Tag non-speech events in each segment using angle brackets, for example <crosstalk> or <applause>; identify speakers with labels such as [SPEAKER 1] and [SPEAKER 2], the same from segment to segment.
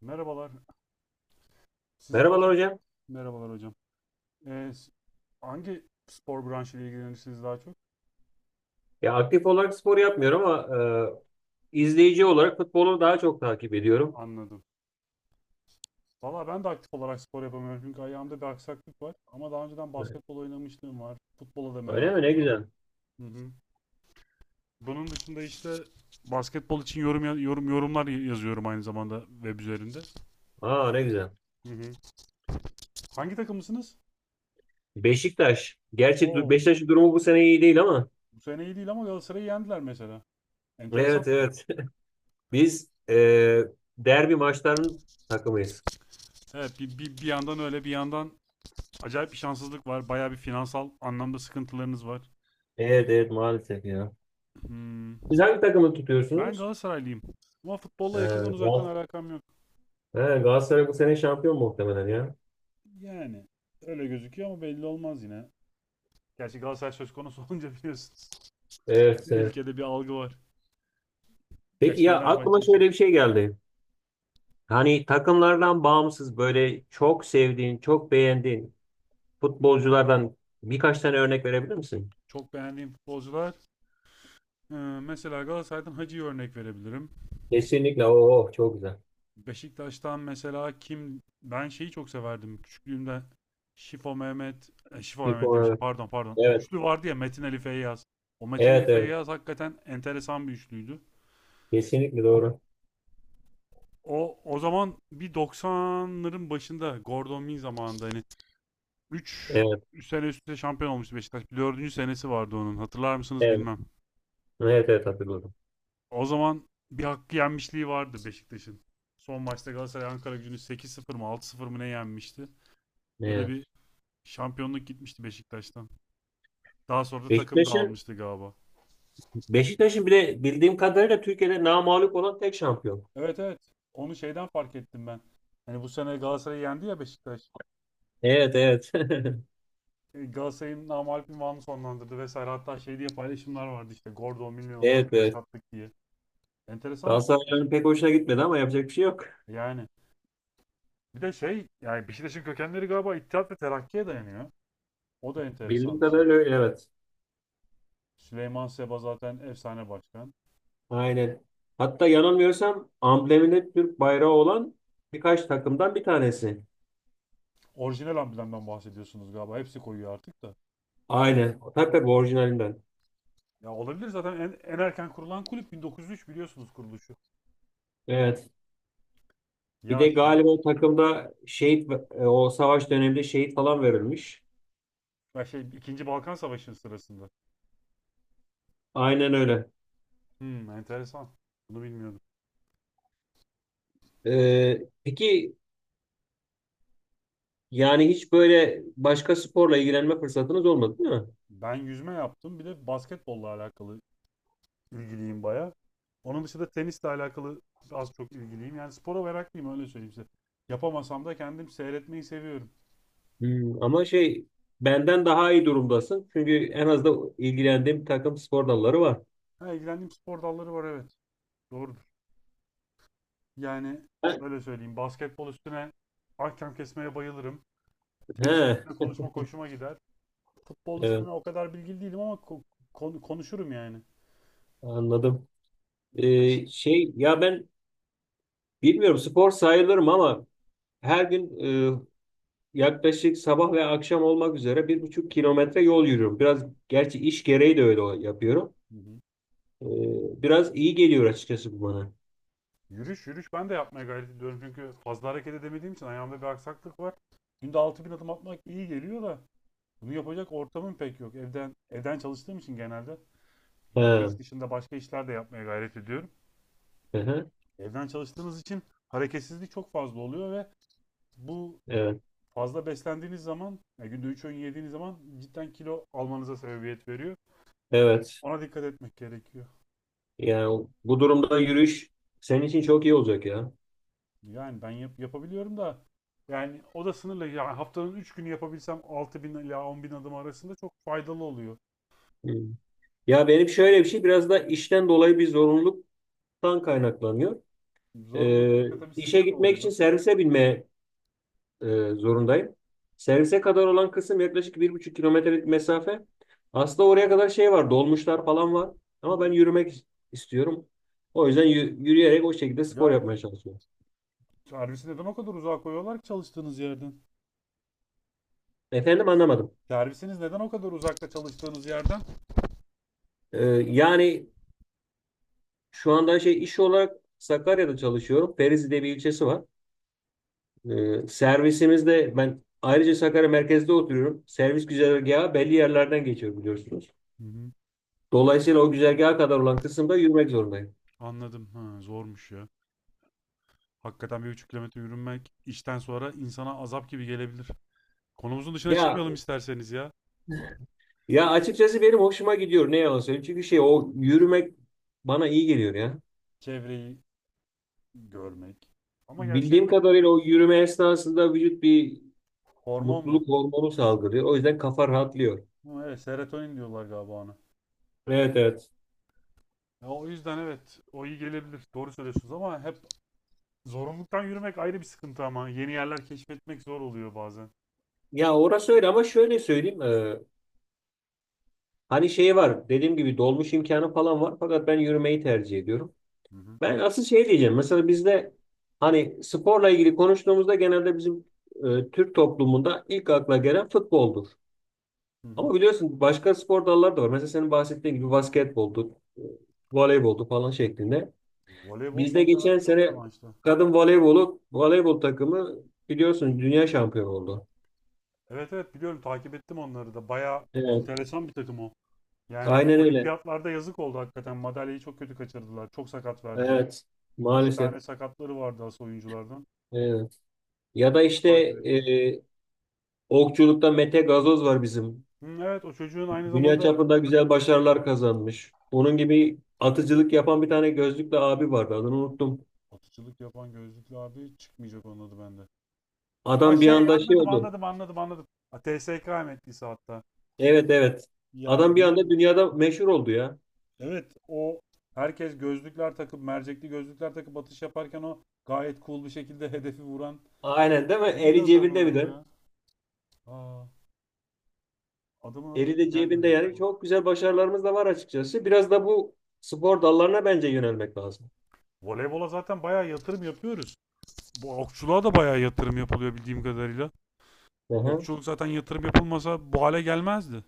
[SPEAKER 1] Merhabalar. Siz daha
[SPEAKER 2] Merhabalar
[SPEAKER 1] çok.
[SPEAKER 2] hocam.
[SPEAKER 1] Merhabalar hocam. Ee, s- hangi spor branşıyla ilgilenirsiniz daha çok?
[SPEAKER 2] Ya aktif olarak spor yapmıyorum ama izleyici olarak futbolu daha çok takip ediyorum.
[SPEAKER 1] Anladım. Valla ben de aktif olarak spor yapamıyorum çünkü ayağımda bir aksaklık var. Ama daha önceden
[SPEAKER 2] Evet.
[SPEAKER 1] basketbol oynamışlığım var. Futbola da
[SPEAKER 2] Öyle mi? Ne
[SPEAKER 1] merakım vardı.
[SPEAKER 2] güzel.
[SPEAKER 1] Hı hı. Bunun dışında işte basketbol için yorum yorumlar yazıyorum aynı zamanda web üzerinde.
[SPEAKER 2] Aa ne güzel.
[SPEAKER 1] Hı hı. Hangi takımlısınız?
[SPEAKER 2] Beşiktaş. Gerçi
[SPEAKER 1] Oo,
[SPEAKER 2] Beşiktaş'ın durumu bu sene iyi değil ama.
[SPEAKER 1] bu sene iyi değil ama Galatasaray'ı yendiler mesela. Enteresan
[SPEAKER 2] Evet
[SPEAKER 1] bir takım.
[SPEAKER 2] evet. <laughs> Biz derbi maçlarının takımıyız.
[SPEAKER 1] Evet, bir yandan öyle, bir yandan acayip bir şanssızlık var. Bayağı bir finansal anlamda sıkıntılarınız var.
[SPEAKER 2] Evet evet maalesef ya.
[SPEAKER 1] Hmm.
[SPEAKER 2] Siz hangi takımı
[SPEAKER 1] Ben
[SPEAKER 2] tutuyorsunuz?
[SPEAKER 1] Galatasaraylıyım. Ama
[SPEAKER 2] E,
[SPEAKER 1] futbolla yakından uzaktan
[SPEAKER 2] Gal
[SPEAKER 1] alakam yok.
[SPEAKER 2] He, Galatasaray bu sene şampiyon muhtemelen ya.
[SPEAKER 1] Yani öyle gözüküyor ama belli olmaz yine. Gerçi Galatasaray söz konusu <laughs> olunca biliyorsunuz.
[SPEAKER 2] Evet evet.
[SPEAKER 1] Ülkede bir algı var. Gerçi
[SPEAKER 2] Peki ya
[SPEAKER 1] Fenerbahçe
[SPEAKER 2] aklıma
[SPEAKER 1] için.
[SPEAKER 2] şöyle bir şey geldi. Hani takımlardan bağımsız böyle çok sevdiğin, çok beğendiğin futbolculardan birkaç tane örnek verebilir misin?
[SPEAKER 1] Çok beğendiğim futbolcular. Ee, mesela Galatasaray'dan Hacı'yı örnek verebilirim.
[SPEAKER 2] Kesinlikle. Oo, çok güzel.
[SPEAKER 1] Beşiktaş'tan mesela kim, ben şeyi çok severdim küçüklüğümde. Şifo Mehmet, Şifo Mehmet demişim,
[SPEAKER 2] Şipo,
[SPEAKER 1] pardon pardon,
[SPEAKER 2] evet.
[SPEAKER 1] üçlü vardı ya, Metin Ali Feyyaz. O Metin Ali
[SPEAKER 2] Evet, evet,
[SPEAKER 1] Feyyaz
[SPEAKER 2] evet.
[SPEAKER 1] hakikaten enteresan bir üçlüydü.
[SPEAKER 2] Kesinlikle doğru.
[SPEAKER 1] O zaman bir 90'ların başında, Gordon Min zamanında, hani 3
[SPEAKER 2] Evet,
[SPEAKER 1] sene üst üste şampiyon olmuştu Beşiktaş. Bir dördüncü senesi vardı onun, hatırlar mısınız
[SPEAKER 2] evet.
[SPEAKER 1] bilmem.
[SPEAKER 2] Evet, evet hatırladım.
[SPEAKER 1] O zaman bir hakkı yenmişliği vardı Beşiktaş'ın. Son maçta Galatasaray Ankara gücünü 8-0 mı 6-0 mı ne yenmişti, öyle bir
[SPEAKER 2] Evet.
[SPEAKER 1] şampiyonluk gitmişti Beşiktaş'tan. Daha sonra da takım
[SPEAKER 2] Beşiktaş'ın
[SPEAKER 1] dağılmıştı galiba.
[SPEAKER 2] Beşiktaş'ın bir de bildiğim kadarıyla Türkiye'de namağlup olan tek şampiyon.
[SPEAKER 1] Evet evet. Onu şeyden fark ettim ben. Hani bu sene Galatasaray'ı yendi ya Beşiktaş.
[SPEAKER 2] Evet, evet. <laughs>
[SPEAKER 1] E, Galatasaray'ın namağlup ünvanını sonlandırdı vesaire. Hatta şey diye paylaşımlar vardı işte. Gordon bilmiyor
[SPEAKER 2] Evet, evet.
[SPEAKER 1] yaşattık diye. Enteresan bir kulüp
[SPEAKER 2] Galatasaray'ın pek
[SPEAKER 1] Beşiktaş.
[SPEAKER 2] hoşuna gitmedi ama yapacak bir şey yok.
[SPEAKER 1] Yani bir de şey, yani Beşiktaş'ın kökenleri galiba İttihat ve Terakki'ye dayanıyor. O da
[SPEAKER 2] Bildiğim
[SPEAKER 1] enteresan bir şey.
[SPEAKER 2] kadarıyla öyle, evet.
[SPEAKER 1] Süleyman Seba zaten efsane başkan.
[SPEAKER 2] Aynen. Hatta yanılmıyorsam ambleminde Türk bayrağı olan birkaç takımdan bir tanesi.
[SPEAKER 1] Orijinal amblemden bahsediyorsunuz galiba. Hepsi koyuyor artık da.
[SPEAKER 2] Aynen. Tabii tabii orijinalinden.
[SPEAKER 1] Ya olabilir, zaten en, en erken kurulan kulüp 1903 biliyorsunuz kuruluşu.
[SPEAKER 2] Evet. Bir
[SPEAKER 1] Ya
[SPEAKER 2] de
[SPEAKER 1] şey,
[SPEAKER 2] galiba o takımda şehit o savaş döneminde şehit falan verilmiş.
[SPEAKER 1] ya şey 2. Balkan Savaşı'nın sırasında.
[SPEAKER 2] Aynen öyle.
[SPEAKER 1] Hmm, enteresan. Bunu bilmiyordum.
[SPEAKER 2] Peki yani hiç böyle başka sporla ilgilenme fırsatınız olmadı değil mi?
[SPEAKER 1] Ben yüzme yaptım. Bir de basketbolla alakalı ilgiliyim baya. Onun dışında tenisle alakalı az çok ilgiliyim. Yani spora meraklıyım, öyle söyleyeyim size. Yapamasam da kendim seyretmeyi seviyorum.
[SPEAKER 2] Hmm, ama şey benden daha iyi durumdasın. Çünkü en az da ilgilendiğim bir takım spor dalları var.
[SPEAKER 1] Ha, ilgilendiğim spor dalları var evet. Doğrudur. Yani
[SPEAKER 2] Ben-
[SPEAKER 1] şöyle söyleyeyim. Basketbol üstüne ahkam kesmeye bayılırım. Tenis üstüne
[SPEAKER 2] He,
[SPEAKER 1] konuşma hoşuma gider. Futbol üstüne
[SPEAKER 2] evet,
[SPEAKER 1] o kadar bilgili değilim ama konuşurum yani.
[SPEAKER 2] anladım.
[SPEAKER 1] Peki.
[SPEAKER 2] Şey ya ben bilmiyorum spor sayılırım ama her gün e, yaklaşık sabah ve akşam olmak üzere bir buçuk kilometre yol yürüyorum. Biraz gerçi iş gereği de öyle yapıyorum.
[SPEAKER 1] Hı hı.
[SPEAKER 2] Ee, Biraz iyi geliyor açıkçası bu bana.
[SPEAKER 1] Yürüyüş yürüyüş ben de yapmaya gayret ediyorum çünkü fazla hareket edemediğim için ayağımda bir aksaklık var. Günde 6.000 adım atmak iyi geliyor da bunu yapacak ortamım pek yok. Evden çalıştığım için genelde ya bu iş
[SPEAKER 2] Ha,
[SPEAKER 1] dışında başka işler de yapmaya gayret ediyorum.
[SPEAKER 2] hı hı,
[SPEAKER 1] Evden çalıştığınız için hareketsizlik çok fazla oluyor ve bu
[SPEAKER 2] evet,
[SPEAKER 1] fazla beslendiğiniz zaman, ya günde 3 öğün yediğiniz zaman cidden kilo almanıza sebebiyet veriyor.
[SPEAKER 2] evet.
[SPEAKER 1] Ona dikkat etmek gerekiyor.
[SPEAKER 2] Yani bu durumda yürüyüş senin için çok iyi olacak ya.
[SPEAKER 1] Yani ben yapabiliyorum da, yani o da sınırlı. Yani haftanın 3 günü yapabilsem 6.000 ila 10.000 adım arasında çok faydalı oluyor.
[SPEAKER 2] Hı. Ya benim şöyle bir şey biraz da işten dolayı bir zorunluluktan kaynaklanıyor.
[SPEAKER 1] Zorunluluk
[SPEAKER 2] Ee,
[SPEAKER 1] olunca tabii
[SPEAKER 2] işe
[SPEAKER 1] sıkıntı
[SPEAKER 2] gitmek için
[SPEAKER 1] oluyor.
[SPEAKER 2] servise binmeye e, zorundayım. Servise kadar olan kısım yaklaşık bir buçuk kilometrelik mesafe. Aslında oraya kadar şey var, dolmuşlar falan var.
[SPEAKER 1] Hı
[SPEAKER 2] Ama ben
[SPEAKER 1] hı.
[SPEAKER 2] yürümek istiyorum. O yüzden yürüyerek o şekilde spor
[SPEAKER 1] Ya
[SPEAKER 2] yapmaya çalışıyorum.
[SPEAKER 1] servisi neden o kadar uzağa koyuyorlar ki çalıştığınız yerden?
[SPEAKER 2] Efendim anlamadım.
[SPEAKER 1] Servisiniz neden o kadar uzakta çalıştığınız yerden?
[SPEAKER 2] Yani şu anda şey iş olarak Sakarya'da çalışıyorum. Ferizi diye bir ilçesi var. Servisimizde ben ayrıca Sakarya merkezde oturuyorum. Servis güzergahı belli yerlerden geçiyor biliyorsunuz.
[SPEAKER 1] Hı hı.
[SPEAKER 2] Dolayısıyla o güzergaha kadar olan kısımda yürümek zorundayım.
[SPEAKER 1] Anladım. Ha, zormuş ya. Hakikaten 1,5 kilometre yürünmek işten sonra insana azap gibi gelebilir. Konumuzun dışına
[SPEAKER 2] Ya
[SPEAKER 1] çıkmayalım isterseniz ya.
[SPEAKER 2] Ya açıkçası benim hoşuma gidiyor ne yalan söyleyeyim. Çünkü şey o yürümek bana iyi geliyor ya.
[SPEAKER 1] Çevreyi görmek. Ama gerçi
[SPEAKER 2] Bildiğim kadarıyla o yürüme esnasında vücut bir
[SPEAKER 1] hormon mu?
[SPEAKER 2] mutluluk hormonu salgılıyor. O yüzden kafa rahatlıyor.
[SPEAKER 1] Hı, evet, serotonin diyorlar galiba ona.
[SPEAKER 2] Evet evet.
[SPEAKER 1] Ya o yüzden evet o iyi gelebilir. Doğru söylüyorsunuz ama hep zorunluluktan yürümek ayrı bir sıkıntı, ama yeni yerler keşfetmek zor oluyor bazen.
[SPEAKER 2] Ya orası öyle ama şöyle söyleyeyim. Hani şey var dediğim gibi dolmuş imkanı falan var. Fakat ben yürümeyi tercih ediyorum.
[SPEAKER 1] Hı hı.
[SPEAKER 2] Ben asıl şey diyeceğim. Mesela bizde hani sporla ilgili konuştuğumuzda genelde bizim Türk toplumunda ilk akla gelen futboldur.
[SPEAKER 1] Hı hı.
[SPEAKER 2] Ama biliyorsun başka spor dalları da var. Mesela senin bahsettiğin gibi basketboldu, voleyboldu falan şeklinde.
[SPEAKER 1] Voleybol
[SPEAKER 2] Bizde
[SPEAKER 1] son
[SPEAKER 2] geçen
[SPEAKER 1] dönemde çok
[SPEAKER 2] sene
[SPEAKER 1] revaçta.
[SPEAKER 2] voleybol takımı biliyorsun dünya şampiyonu oldu.
[SPEAKER 1] Evet evet biliyorum, takip ettim onları da. Bayağı
[SPEAKER 2] Evet.
[SPEAKER 1] enteresan bir takım o. Yani
[SPEAKER 2] Aynen öyle.
[SPEAKER 1] olimpiyatlarda yazık oldu hakikaten. Madalyayı çok kötü kaçırdılar. Çok sakat verdiler.
[SPEAKER 2] Evet.
[SPEAKER 1] Üç
[SPEAKER 2] Maalesef.
[SPEAKER 1] tane sakatları vardı asıl oyunculardan.
[SPEAKER 2] Evet. Ya da
[SPEAKER 1] Onları da
[SPEAKER 2] işte
[SPEAKER 1] takip ettim.
[SPEAKER 2] e, okçulukta Mete Gazoz var bizim.
[SPEAKER 1] Hı, evet, o çocuğun aynı
[SPEAKER 2] Dünya
[SPEAKER 1] zamanda
[SPEAKER 2] çapında güzel başarılar kazanmış. Onun gibi atıcılık yapan bir tane gözlüklü abi vardı. Adını unuttum.
[SPEAKER 1] atıcılık yapan gözlüklü abi çıkmayacak onun adı bende. Ha
[SPEAKER 2] Adam bir anda şey
[SPEAKER 1] anladım
[SPEAKER 2] oldu.
[SPEAKER 1] anladım anladım anladım. Ha, TSK emeklisi hatta.
[SPEAKER 2] Evet evet.
[SPEAKER 1] Ya
[SPEAKER 2] Adam bir anda
[SPEAKER 1] neydi?
[SPEAKER 2] dünyada meşhur oldu ya.
[SPEAKER 1] Evet o, herkes gözlükler takıp mercekli gözlükler takıp atış yaparken o gayet cool bir şekilde hedefi vuran.
[SPEAKER 2] Aynen değil mi?
[SPEAKER 1] Neydi
[SPEAKER 2] Eli
[SPEAKER 1] adamın
[SPEAKER 2] cebinde bir
[SPEAKER 1] adı
[SPEAKER 2] de.
[SPEAKER 1] ya? Aa, adamın adı
[SPEAKER 2] Eli de cebinde
[SPEAKER 1] gelmiyor
[SPEAKER 2] yani
[SPEAKER 1] şu an.
[SPEAKER 2] çok güzel başarılarımız da var açıkçası. Biraz da bu spor dallarına bence yönelmek lazım.
[SPEAKER 1] Voleybola zaten bayağı yatırım yapıyoruz. Bu okçuluğa da bayağı yatırım yapılıyor bildiğim kadarıyla.
[SPEAKER 2] Aha.
[SPEAKER 1] Okçuluk zaten yatırım yapılmasa bu hale gelmezdi.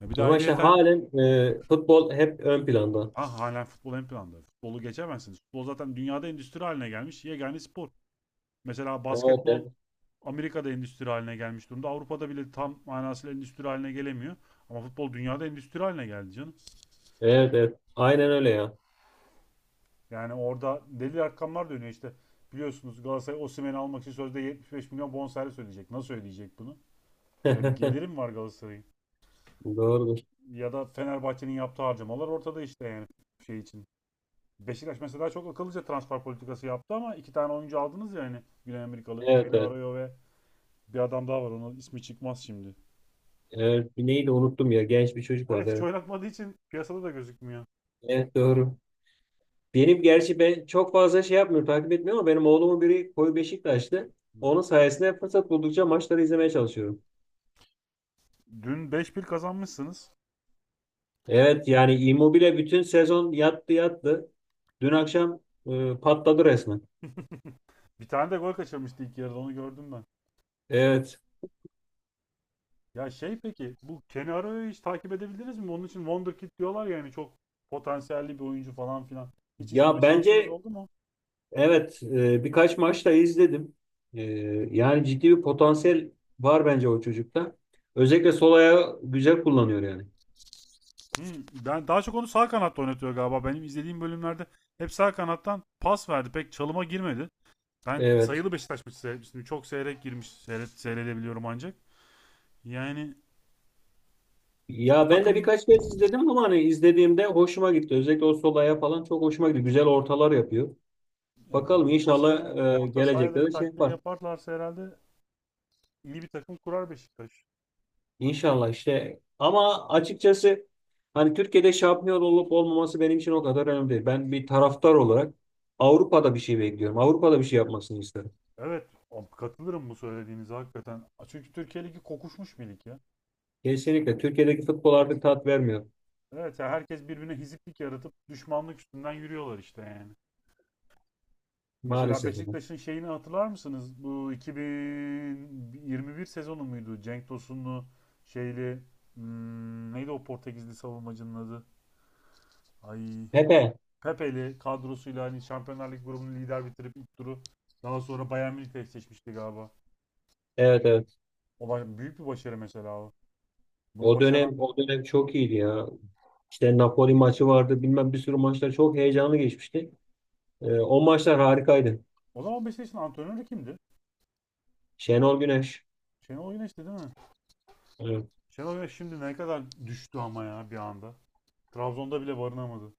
[SPEAKER 1] Ya bir de
[SPEAKER 2] Ama işte
[SPEAKER 1] ayrıyeten
[SPEAKER 2] halen futbol hep ön planda.
[SPEAKER 1] ah hala futbol ön planda. Futbolu geçemezsiniz. Futbol zaten dünyada endüstri haline gelmiş yegane spor. Mesela
[SPEAKER 2] Evet
[SPEAKER 1] basketbol
[SPEAKER 2] evet.
[SPEAKER 1] Amerika'da endüstri haline gelmiş durumda. Avrupa'da bile tam manasıyla endüstri haline gelemiyor. Ama futbol dünyada endüstri haline geldi canım.
[SPEAKER 2] Evet evet. Aynen öyle ya.
[SPEAKER 1] Yani orada deli rakamlar dönüyor işte. Biliyorsunuz Galatasaray Osimhen'i almak için sözde 75 milyon bonservis ödeyecek. Nasıl ödeyecek bunu? Öyle bir
[SPEAKER 2] <laughs>
[SPEAKER 1] gelirim var Galatasaray'ın.
[SPEAKER 2] Doğrudur.
[SPEAKER 1] Ya da Fenerbahçe'nin yaptığı harcamalar ortada işte, yani şey için. Beşiktaş mesela çok akıllıca transfer politikası yaptı ama iki tane oyuncu aldınız ya hani, Güney Amerikalı.
[SPEAKER 2] Evet
[SPEAKER 1] Kenny
[SPEAKER 2] evet.
[SPEAKER 1] Arroyo ve bir adam daha var, onun ismi çıkmaz şimdi.
[SPEAKER 2] Evet. Neydi unuttum ya. Genç bir çocuk
[SPEAKER 1] Evet,
[SPEAKER 2] vardı.
[SPEAKER 1] hiç
[SPEAKER 2] Evet.
[SPEAKER 1] oynatmadığı için piyasada da gözükmüyor.
[SPEAKER 2] Evet doğru. Benim gerçi ben çok fazla şey yapmıyorum, takip etmiyorum ama benim oğlumun biri koyu Beşiktaşlı.
[SPEAKER 1] Hı
[SPEAKER 2] Onun
[SPEAKER 1] hı.
[SPEAKER 2] sayesinde fırsat buldukça maçları izlemeye çalışıyorum.
[SPEAKER 1] Dün beş 1 kazanmışsınız.
[SPEAKER 2] Evet yani Immobile bütün sezon yattı. Dün akşam patladı resmen.
[SPEAKER 1] <laughs> Bir tane de gol kaçırmıştı ilk yarıda, onu gördüm ben.
[SPEAKER 2] Evet.
[SPEAKER 1] Ya şey, peki bu Kenny Arao'yu hiç takip edebildiniz mi? Onun için Wonderkid diyorlar ya, yani çok potansiyelli bir oyuncu falan filan. Hiç izleme
[SPEAKER 2] Ya
[SPEAKER 1] şansınız
[SPEAKER 2] bence
[SPEAKER 1] oldu mu?
[SPEAKER 2] evet birkaç maç da izledim. E, Yani ciddi bir potansiyel var bence o çocukta. Özellikle sol ayağı güzel kullanıyor yani.
[SPEAKER 1] Hmm, ben daha çok onu sağ kanatta oynatıyor galiba. Benim izlediğim bölümlerde hep sağ kanattan pas verdi. Pek çalıma girmedi. Ben
[SPEAKER 2] Evet.
[SPEAKER 1] sayılı Beşiktaş maçı seyretmiştim. Çok seyrek girmiş. Seyredebiliyorum ancak. Yani bu
[SPEAKER 2] Ya ben de
[SPEAKER 1] takım.
[SPEAKER 2] birkaç kez izledim ama hani izlediğimde hoşuma gitti. Özellikle o sol ayağı falan çok hoşuma gitti. Güzel ortalar yapıyor.
[SPEAKER 1] Ya
[SPEAKER 2] Bakalım
[SPEAKER 1] gelecek sene
[SPEAKER 2] inşallah
[SPEAKER 1] orta sahaya da
[SPEAKER 2] gelecekte
[SPEAKER 1] bir
[SPEAKER 2] de şey
[SPEAKER 1] takviye
[SPEAKER 2] yapar.
[SPEAKER 1] yaparlarsa herhalde iyi bir takım kurar Beşiktaş.
[SPEAKER 2] İnşallah işte ama açıkçası hani Türkiye'de şampiyon olup olmaması benim için o kadar önemli değil. Ben bir taraftar olarak Avrupa'da bir şey bekliyorum. Avrupa'da bir şey yapmasını isterim.
[SPEAKER 1] Evet, o- katılırım bu söylediğinize hakikaten. Çünkü Türkiye Ligi kokuşmuş bir lig ya.
[SPEAKER 2] Kesinlikle Türkiye'deki futbol artık tat vermiyor
[SPEAKER 1] Evet, ya herkes birbirine hiziplik yaratıp düşmanlık üstünden yürüyorlar işte yani. Mesela
[SPEAKER 2] maalesef.
[SPEAKER 1] Beşiktaş'ın şeyini hatırlar mısınız? Bu 2021 sezonu muydu? Cenk Tosun'lu şeyli neydi o Portekizli savunmacının adı? Ay,
[SPEAKER 2] Pepe.
[SPEAKER 1] Pepeli kadrosuyla hani Şampiyonlar Ligi grubunu lider bitirip ilk turu daha sonra Bayern Münih'le eşleşmişti galiba.
[SPEAKER 2] Evet evet.
[SPEAKER 1] O büyük bir başarı mesela o. Bunu
[SPEAKER 2] O dönem
[SPEAKER 1] başaran
[SPEAKER 2] o dönem çok iyiydi ya. İşte Napoli maçı vardı bilmem bir sürü maçlar çok heyecanlı geçmişti. O maçlar harikaydı.
[SPEAKER 1] o zaman Beşiktaş'ın antrenörü kimdi?
[SPEAKER 2] Şenol Güneş.
[SPEAKER 1] Şenol Güneş'ti değil mi?
[SPEAKER 2] Evet.
[SPEAKER 1] Şenol Güneş şimdi ne kadar düştü ama ya, bir anda. Trabzon'da bile barınamadı.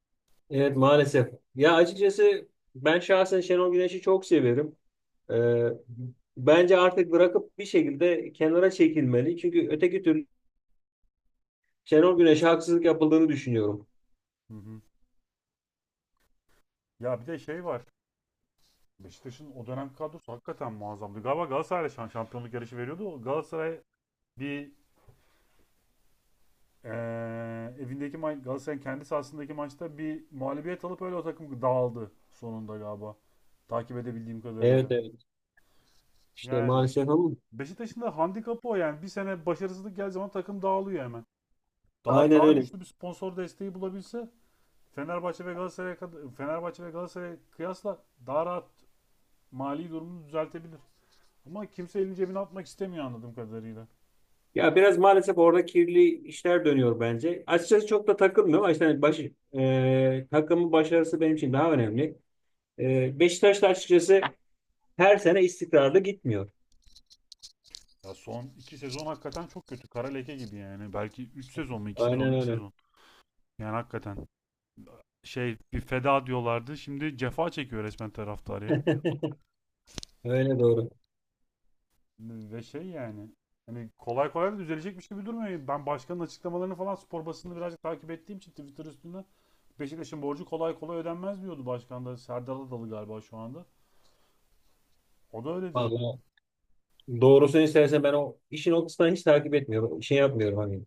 [SPEAKER 2] Evet maalesef. Ya açıkçası ben şahsen Şenol Güneş'i çok severim. Ee, Bence artık bırakıp bir şekilde kenara çekilmeli. Çünkü öteki türlü Şenol Güneş'e haksızlık yapıldığını düşünüyorum.
[SPEAKER 1] Hı hı. Ya bir de şey var. Beşiktaş'ın o dönem kadrosu hakikaten muazzamdı. Galiba Galatasaray'la şampiyonluk yarışı veriyordu. Galatasaray bir, ee, evindeki Galatasaray'ın kendi sahasındaki maçta bir mağlubiyet alıp öyle o takım dağıldı sonunda galiba. Takip edebildiğim kadarıyla.
[SPEAKER 2] Evet evet. İşte
[SPEAKER 1] Yani
[SPEAKER 2] maalesef ama
[SPEAKER 1] Beşiktaş'ın da handikapı o yani. Bir sene başarısızlık geldiği zaman takım dağılıyor hemen. Daha
[SPEAKER 2] aynen
[SPEAKER 1] daha
[SPEAKER 2] öyle.
[SPEAKER 1] güçlü bir sponsor desteği bulabilse Fenerbahçe ve Galatasaray'a kıyasla daha rahat mali durumunu düzeltebilir. Ama kimse elini cebine atmak istemiyor anladığım kadarıyla.
[SPEAKER 2] Ya biraz maalesef orada kirli işler dönüyor bence. Açıkçası çok da takılmıyorum. Ama işte hani takımın başarısı benim için daha önemli. E, Beşiktaş da açıkçası her sene istikrarlı gitmiyor.
[SPEAKER 1] Ya son iki sezon hakikaten çok kötü. Kara leke gibi yani. Belki 3 sezon mu? İki sezon,
[SPEAKER 2] Aynen
[SPEAKER 1] 2
[SPEAKER 2] öyle.
[SPEAKER 1] sezon. Yani hakikaten. Şey, bir feda diyorlardı. Şimdi cefa çekiyor resmen taraftar ya.
[SPEAKER 2] Öyle doğru.
[SPEAKER 1] Ve şey yani, hani kolay kolay da düzelecek şey gibi durmuyor. Ben başkanın açıklamalarını falan, spor basını birazcık takip ettiğim için Twitter üstünde Beşiktaş'ın borcu kolay kolay ödenmez diyordu başkan da. Serdar Adalı galiba şu anda. O da öyle diyordu.
[SPEAKER 2] Vallahi doğrusunu istersen ben o işin o kısmını hiç takip etmiyorum. Şey yapmıyorum hani.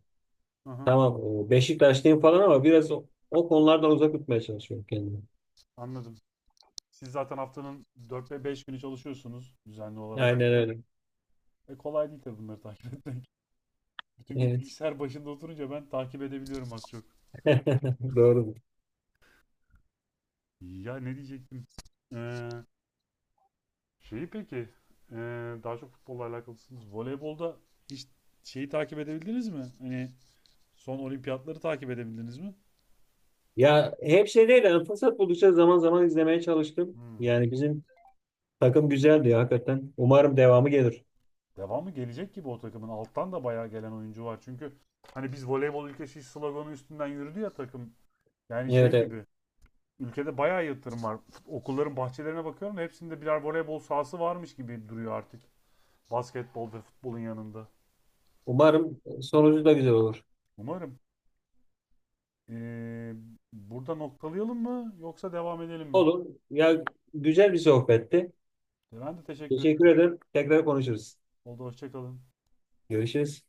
[SPEAKER 1] Hı hı,
[SPEAKER 2] Tamam Beşiktaşlıyım falan ama biraz o konulardan uzak tutmaya çalışıyorum kendimi.
[SPEAKER 1] anladım. Siz zaten haftanın 4 ve 5 günü çalışıyorsunuz düzenli olarak
[SPEAKER 2] Aynen
[SPEAKER 1] işte.
[SPEAKER 2] öyle.
[SPEAKER 1] Kolay değil tabii bunları takip etmek. <laughs> Bütün gün
[SPEAKER 2] Evet.
[SPEAKER 1] bilgisayar başında oturunca ben takip edebiliyorum az çok.
[SPEAKER 2] <laughs> Doğru.
[SPEAKER 1] Ya ne diyecektim? Ee, Şeyi peki, e, daha çok futbolla alakalısınız. Voleybolda hiç şeyi takip edebildiniz mi? Hani son olimpiyatları takip edebildiniz mi?
[SPEAKER 2] Ya hep şey değil. Yani fırsat buldukça zaman zaman izlemeye çalıştım.
[SPEAKER 1] Hmm.
[SPEAKER 2] Yani bizim takım güzeldi ya hakikaten. Umarım devamı gelir.
[SPEAKER 1] Devamı gelecek gibi o takımın. Alttan da bayağı gelen oyuncu var. Çünkü hani biz voleybol ülkesi sloganı üstünden yürüdü ya takım. Yani
[SPEAKER 2] Evet
[SPEAKER 1] şey
[SPEAKER 2] evet.
[SPEAKER 1] gibi. Ülkede bayağı yatırım var. Okulların bahçelerine bakıyorum da hepsinde birer voleybol sahası varmış gibi duruyor artık. Basketbol ve futbolun yanında.
[SPEAKER 2] Umarım sonucu da güzel olur.
[SPEAKER 1] Umarım. E, burada noktalayalım mı yoksa devam edelim mi?
[SPEAKER 2] Olur. Ya güzel bir sohbetti.
[SPEAKER 1] Ben de teşekkür.
[SPEAKER 2] Teşekkür ederim. Tekrar konuşuruz.
[SPEAKER 1] Oldu, hoşçakalın.
[SPEAKER 2] Görüşürüz.